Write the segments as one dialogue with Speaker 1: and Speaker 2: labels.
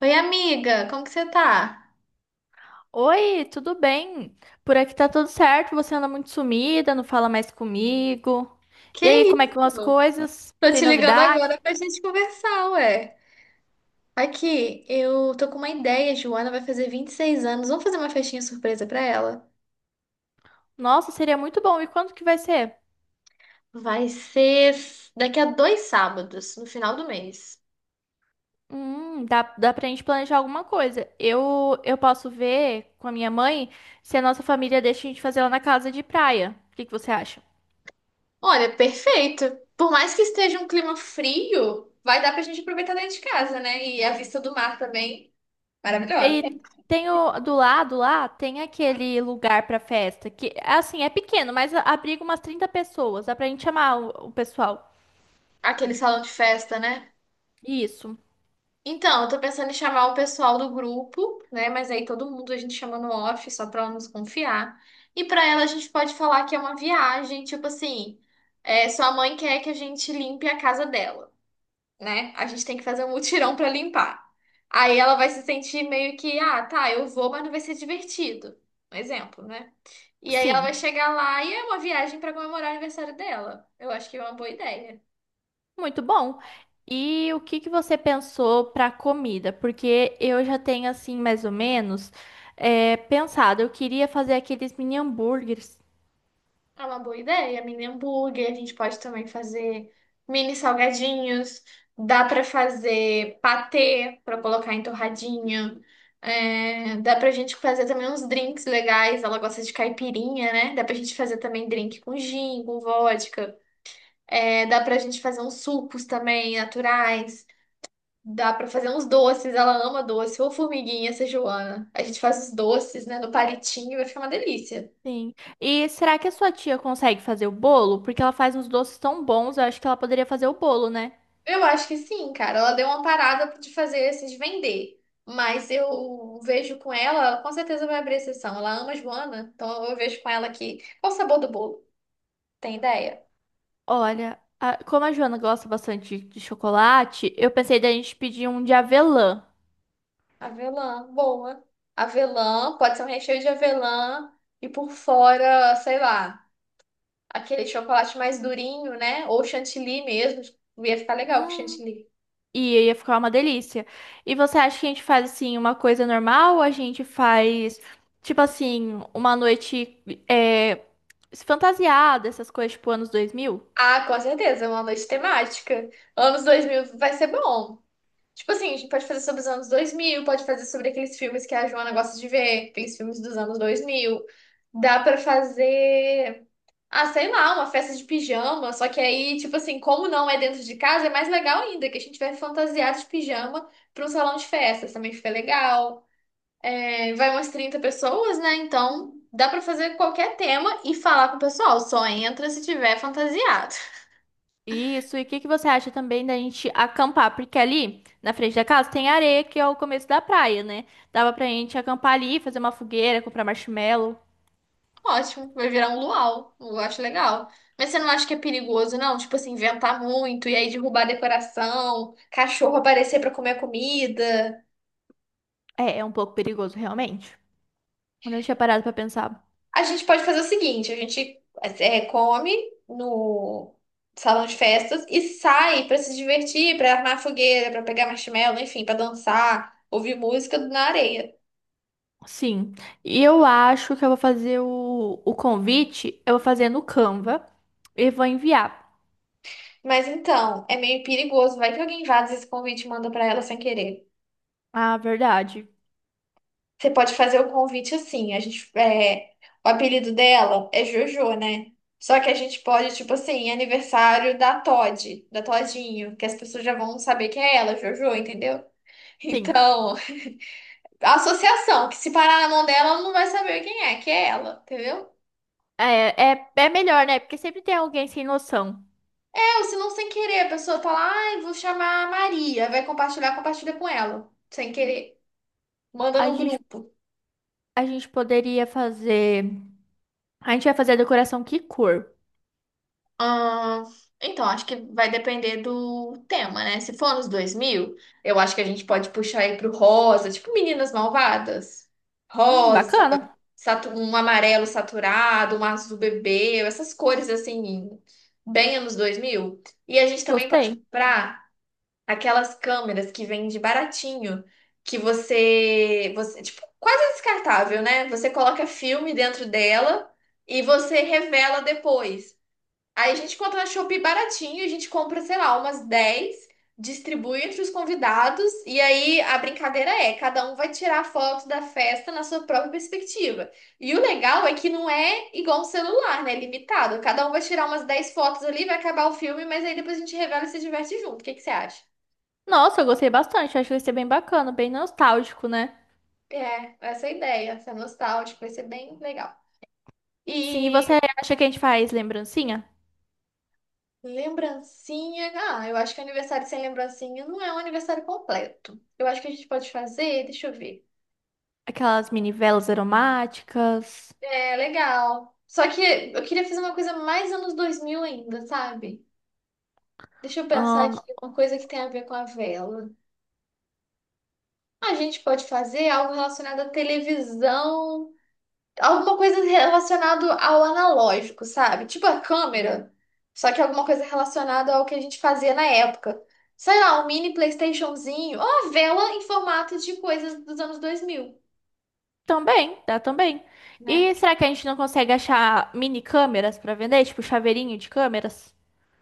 Speaker 1: Oi, amiga, como que você tá?
Speaker 2: Oi, tudo bem? Por aqui tá tudo certo, você anda muito sumida, não fala mais comigo.
Speaker 1: Que
Speaker 2: E aí, como é que vão as
Speaker 1: isso?
Speaker 2: coisas?
Speaker 1: Tô
Speaker 2: Tem
Speaker 1: te ligando
Speaker 2: novidade?
Speaker 1: agora pra gente conversar, ué. Aqui, eu tô com uma ideia. Joana vai fazer 26 anos. Vamos fazer uma festinha surpresa pra ela?
Speaker 2: Nossa, seria muito bom. E quando que vai ser?
Speaker 1: Daqui a dois sábados, no final do mês.
Speaker 2: Dá pra gente planejar alguma coisa. Eu posso ver com a minha mãe se a nossa família deixa a gente fazer lá na casa de praia. O que que você acha?
Speaker 1: Olha, perfeito. Por mais que esteja um clima frio, vai dar pra gente aproveitar dentro de casa, né? E a vista do mar também, maravilhosa.
Speaker 2: E tem o, do lado lá, tem aquele lugar pra festa, que assim, é pequeno, mas abriga umas 30 pessoas. Dá pra gente chamar o pessoal.
Speaker 1: Aquele salão de festa, né?
Speaker 2: Isso.
Speaker 1: Então, eu tô pensando em chamar o pessoal do grupo, né? Mas aí todo mundo a gente chama no off, só pra ela nos confiar. E pra ela a gente pode falar que é uma viagem, tipo assim, sua mãe quer que a gente limpe a casa dela, né? A gente tem que fazer um mutirão pra limpar. Aí ela vai se sentir meio que, ah, tá, eu vou, mas não vai ser divertido. Um exemplo, né? E aí ela vai
Speaker 2: Sim,
Speaker 1: chegar lá e é uma viagem pra comemorar o aniversário dela. Eu acho que é uma boa ideia.
Speaker 2: muito bom. E o que que você pensou para comida? Porque eu já tenho assim mais ou menos pensado. Eu queria fazer aqueles mini hambúrgueres.
Speaker 1: É uma boa ideia, mini hambúrguer. A gente pode também fazer mini salgadinhos. Dá pra fazer patê pra colocar em torradinha. É, dá pra gente fazer também uns drinks legais. Ela gosta de caipirinha, né? Dá pra gente fazer também drink com gin, com vodka. É, dá pra gente fazer uns sucos também naturais. Dá pra fazer uns doces. Ela ama doce. Ou formiguinha, essa Joana. A gente faz os doces, né, no palitinho. Vai ficar uma delícia.
Speaker 2: Sim. E será que a sua tia consegue fazer o bolo? Porque ela faz uns doces tão bons. Eu acho que ela poderia fazer o bolo, né?
Speaker 1: Eu acho que sim, cara. Ela deu uma parada de fazer esses vender. Mas eu vejo com ela, ela com certeza vai abrir exceção. Ela ama Joana, então eu vejo com ela que. Qual o sabor do bolo? Tem ideia?
Speaker 2: Olha, como a Joana gosta bastante de chocolate, eu pensei da gente pedir um de avelã.
Speaker 1: Avelã, boa. Avelã, pode ser um recheio de avelã e por fora, sei lá, aquele chocolate mais durinho, né? Ou chantilly mesmo. Ia ficar legal com chantilly.
Speaker 2: E ia ficar uma delícia. E você acha que a gente faz assim uma coisa normal? Ou a gente faz tipo assim uma noite é, fantasiada, essas coisas tipo anos 2000?
Speaker 1: Ah, com certeza, é uma noite temática. Anos 2000 vai ser bom. Tipo assim, a gente pode fazer sobre os anos dois mil, pode fazer sobre aqueles filmes que a Joana gosta de ver, aqueles filmes dos anos dois mil. Dá pra fazer, ah, sei lá, uma festa de pijama, só que aí, tipo assim, como não é dentro de casa, é mais legal ainda, que a gente vai fantasiado de pijama pra um salão de festas, também fica legal. É, vai umas 30 pessoas, né? Então, dá pra fazer qualquer tema e falar com o pessoal, só entra se tiver fantasiado.
Speaker 2: Isso. E o que que você acha também da gente acampar? Porque ali na frente da casa tem areia que é o começo da praia, né? Dava pra gente acampar ali, fazer uma fogueira, comprar marshmallow.
Speaker 1: Ótimo, vai virar um luau. Eu acho legal. Mas você não acha que é perigoso, não? Tipo assim, inventar muito e aí derrubar a decoração, cachorro aparecer pra comer a comida.
Speaker 2: É, é um pouco perigoso realmente. Eu não tinha parado pra pensar.
Speaker 1: A gente pode fazer o seguinte: a gente, come no salão de festas e sai pra se divertir, pra armar fogueira, pra pegar marshmallow, enfim, pra dançar, ouvir música na areia.
Speaker 2: Sim. E eu acho que eu vou fazer o convite, eu vou fazer no Canva e vou enviar.
Speaker 1: Mas então, é meio perigoso. Vai que alguém vaza esse convite e manda pra ela sem querer.
Speaker 2: Ah, verdade.
Speaker 1: Você pode fazer o convite assim. A gente, o apelido dela é Jojo, né? Só que a gente pode, tipo assim, aniversário da Todd, da Todinho, que as pessoas já vão saber quem é ela, Jojo, entendeu?
Speaker 2: Sim.
Speaker 1: Então, a associação, que se parar na mão dela, ela não vai saber quem é, que é ela, entendeu?
Speaker 2: É melhor, né? Porque sempre tem alguém sem noção.
Speaker 1: É, ou se não sem querer, a pessoa fala, ai, vou chamar a Maria, vai compartilhar, compartilha com ela, sem querer, manda
Speaker 2: A
Speaker 1: no
Speaker 2: gente,
Speaker 1: grupo.
Speaker 2: a gente poderia fazer. A gente vai fazer a decoração que cor?
Speaker 1: Ah, então, acho que vai depender do tema, né? Se for nos dois mil, eu acho que a gente pode puxar aí pro rosa, tipo Meninas Malvadas. Rosa,
Speaker 2: Bacana.
Speaker 1: um amarelo saturado, um azul bebê, essas cores assim, bem anos dois mil. E a gente também pode
Speaker 2: Gostei.
Speaker 1: comprar aquelas câmeras que vende baratinho, que tipo, quase descartável, né? Você coloca filme dentro dela e você revela depois. Aí a gente encontra na Shopee baratinho, a gente compra, sei lá, umas 10, distribui entre os convidados, e aí a brincadeira é, cada um vai tirar a foto da festa na sua própria perspectiva. E o legal é que não é igual um celular, né? É limitado. Cada um vai tirar umas 10 fotos ali, vai acabar o filme, mas aí depois a gente revela e se diverte junto. O que que você acha?
Speaker 2: Nossa, eu gostei bastante. Acho que vai ser bem bacana, bem nostálgico, né?
Speaker 1: É, essa é a ideia, essa é nostálgica, vai ser bem legal.
Speaker 2: Sim, e você
Speaker 1: E
Speaker 2: acha que a gente faz lembrancinha?
Speaker 1: lembrancinha. Ah, eu acho que aniversário sem lembrancinha não é um aniversário completo. Eu acho que a gente pode fazer, deixa eu ver.
Speaker 2: Aquelas mini velas aromáticas.
Speaker 1: É, legal. Só que eu queria fazer uma coisa mais anos 2000 ainda, sabe? Deixa eu pensar aqui, uma coisa que tem a ver com a vela. A gente pode fazer algo relacionado à televisão, alguma coisa relacionada ao analógico, sabe? Tipo a câmera, só que alguma coisa relacionada ao que a gente fazia na época. Sei lá, um mini PlayStationzinho, ou uma vela em formato de coisas dos anos dois mil,
Speaker 2: Também, dá também. E
Speaker 1: né?
Speaker 2: será que a gente não consegue achar mini câmeras pra vender? Tipo, chaveirinho de câmeras?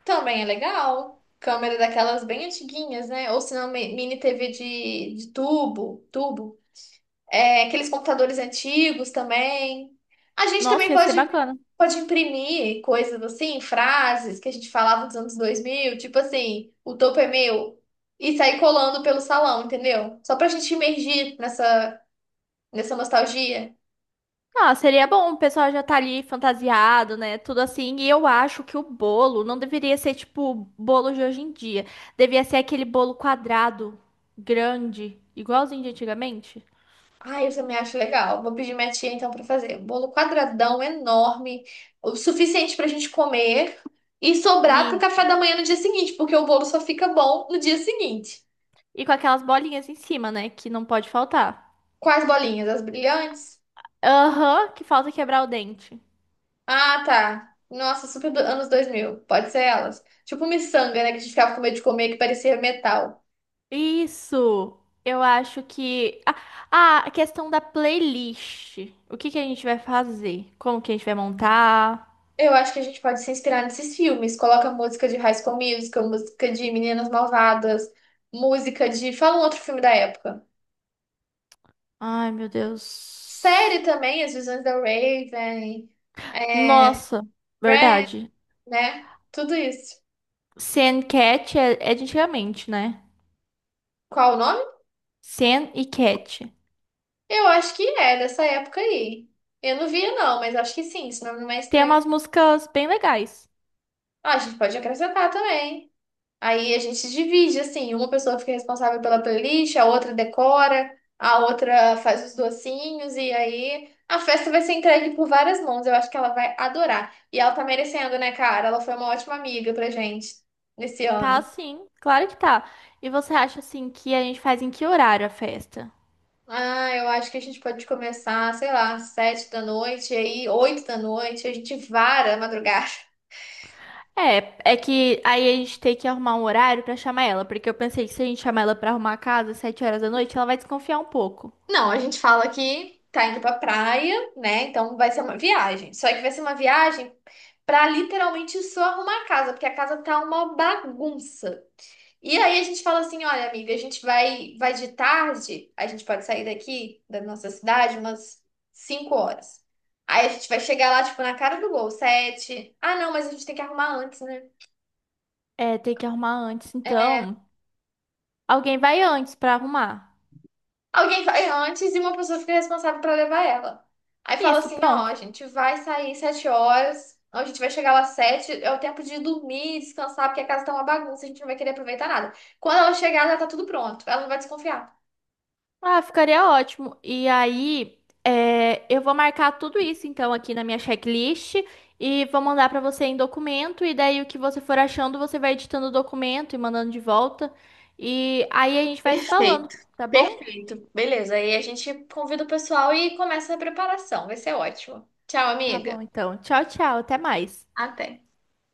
Speaker 1: Também é legal. Câmera daquelas bem antiguinhas, né? Ou se não, mini TV de tubo, tubo. É, aqueles computadores antigos também. A gente também
Speaker 2: Nossa, ia ser
Speaker 1: pode,
Speaker 2: bacana.
Speaker 1: pode imprimir coisas assim, frases que a gente falava dos anos dois mil, tipo assim, o topo é meu, e sair colando pelo salão, entendeu? Só pra gente imergir nessa nostalgia.
Speaker 2: Ah, seria bom, o pessoal já tá ali fantasiado, né? Tudo assim. E eu acho que o bolo não deveria ser tipo o bolo de hoje em dia. Devia ser aquele bolo quadrado, grande, igualzinho de antigamente.
Speaker 1: Ai, eu também acho legal. Vou pedir minha tia então pra fazer um bolo quadradão enorme, o suficiente pra gente comer e sobrar pro
Speaker 2: E,
Speaker 1: café da manhã no dia seguinte, porque o bolo só fica bom no dia seguinte.
Speaker 2: e com aquelas bolinhas em cima, né? Que não pode faltar.
Speaker 1: Quais bolinhas? As brilhantes?
Speaker 2: Aham, que falta quebrar o dente.
Speaker 1: Ah, tá. Nossa, super anos dois mil. Pode ser elas. Tipo miçanga, né? Que a gente ficava com medo de comer, que parecia metal.
Speaker 2: Isso! Eu acho que. Ah, ah, A questão da playlist. O que que a gente vai fazer? Como que a gente vai montar?
Speaker 1: Eu acho que a gente pode se inspirar nesses filmes. Coloca música de High School Musical, música de Meninas Malvadas, música de... Fala um outro filme da época.
Speaker 2: Ai, meu
Speaker 1: Série
Speaker 2: Deus.
Speaker 1: também, As Visões da Raven, é...
Speaker 2: Nossa,
Speaker 1: Friends,
Speaker 2: verdade.
Speaker 1: né? Tudo isso.
Speaker 2: Sen Cat é de antigamente, né?
Speaker 1: Qual o nome?
Speaker 2: Sen e Cat.
Speaker 1: Eu acho que é dessa época aí. Eu não via, não, mas acho que sim. Esse nome não é
Speaker 2: Tem
Speaker 1: estranho.
Speaker 2: umas músicas bem legais.
Speaker 1: Ah, a gente pode acrescentar também. Aí a gente divide, assim, uma pessoa fica responsável pela playlist, a outra decora, a outra faz os docinhos, e aí a festa vai ser entregue por várias mãos. Eu acho que ela vai adorar. E ela tá merecendo, né, cara? Ela foi uma ótima amiga pra gente nesse
Speaker 2: Tá,
Speaker 1: ano.
Speaker 2: sim, claro que tá. E você acha assim que a gente faz em que horário a festa?
Speaker 1: Ah, eu acho que a gente pode começar, sei lá, 7 da noite, e aí 8 da noite, a gente vara a madrugada.
Speaker 2: É que aí a gente tem que arrumar um horário pra chamar ela, porque eu pensei que se a gente chamar ela pra arrumar a casa às 7 horas da noite, ela vai desconfiar um pouco.
Speaker 1: Não, a gente fala que tá indo pra praia, né? Então vai ser uma viagem. Só que vai ser uma viagem. Pra literalmente só arrumar a casa, porque a casa tá uma bagunça. E aí a gente fala assim, olha, amiga, a gente vai de tarde, a gente pode sair daqui da nossa cidade umas 5 horas. Aí a gente vai chegar lá, tipo, na cara do gol, sete. Ah, não, mas a gente tem que arrumar antes, né?
Speaker 2: É, tem que arrumar antes, então. Alguém vai antes pra arrumar.
Speaker 1: Alguém vai antes e uma pessoa fica responsável pra levar ela. Aí fala
Speaker 2: Isso,
Speaker 1: assim, ó,
Speaker 2: pronto.
Speaker 1: a gente vai sair 7 horas, a gente vai chegar lá sete, é o tempo de dormir, descansar, porque a casa tá uma bagunça, a gente não vai querer aproveitar nada. Quando ela chegar, já tá tudo pronto, ela não vai desconfiar.
Speaker 2: Ah, ficaria ótimo. E aí, eu vou marcar tudo isso então aqui na minha checklist e vou mandar pra você em documento. E daí o que você for achando, você vai editando o documento e mandando de volta. E aí a gente vai se falando,
Speaker 1: Perfeito,
Speaker 2: tá bom?
Speaker 1: perfeito. Beleza, aí a gente convida o pessoal e começa a preparação, vai ser ótimo. Tchau,
Speaker 2: Tá
Speaker 1: amiga.
Speaker 2: bom, então. Tchau, tchau. Até mais.
Speaker 1: Até.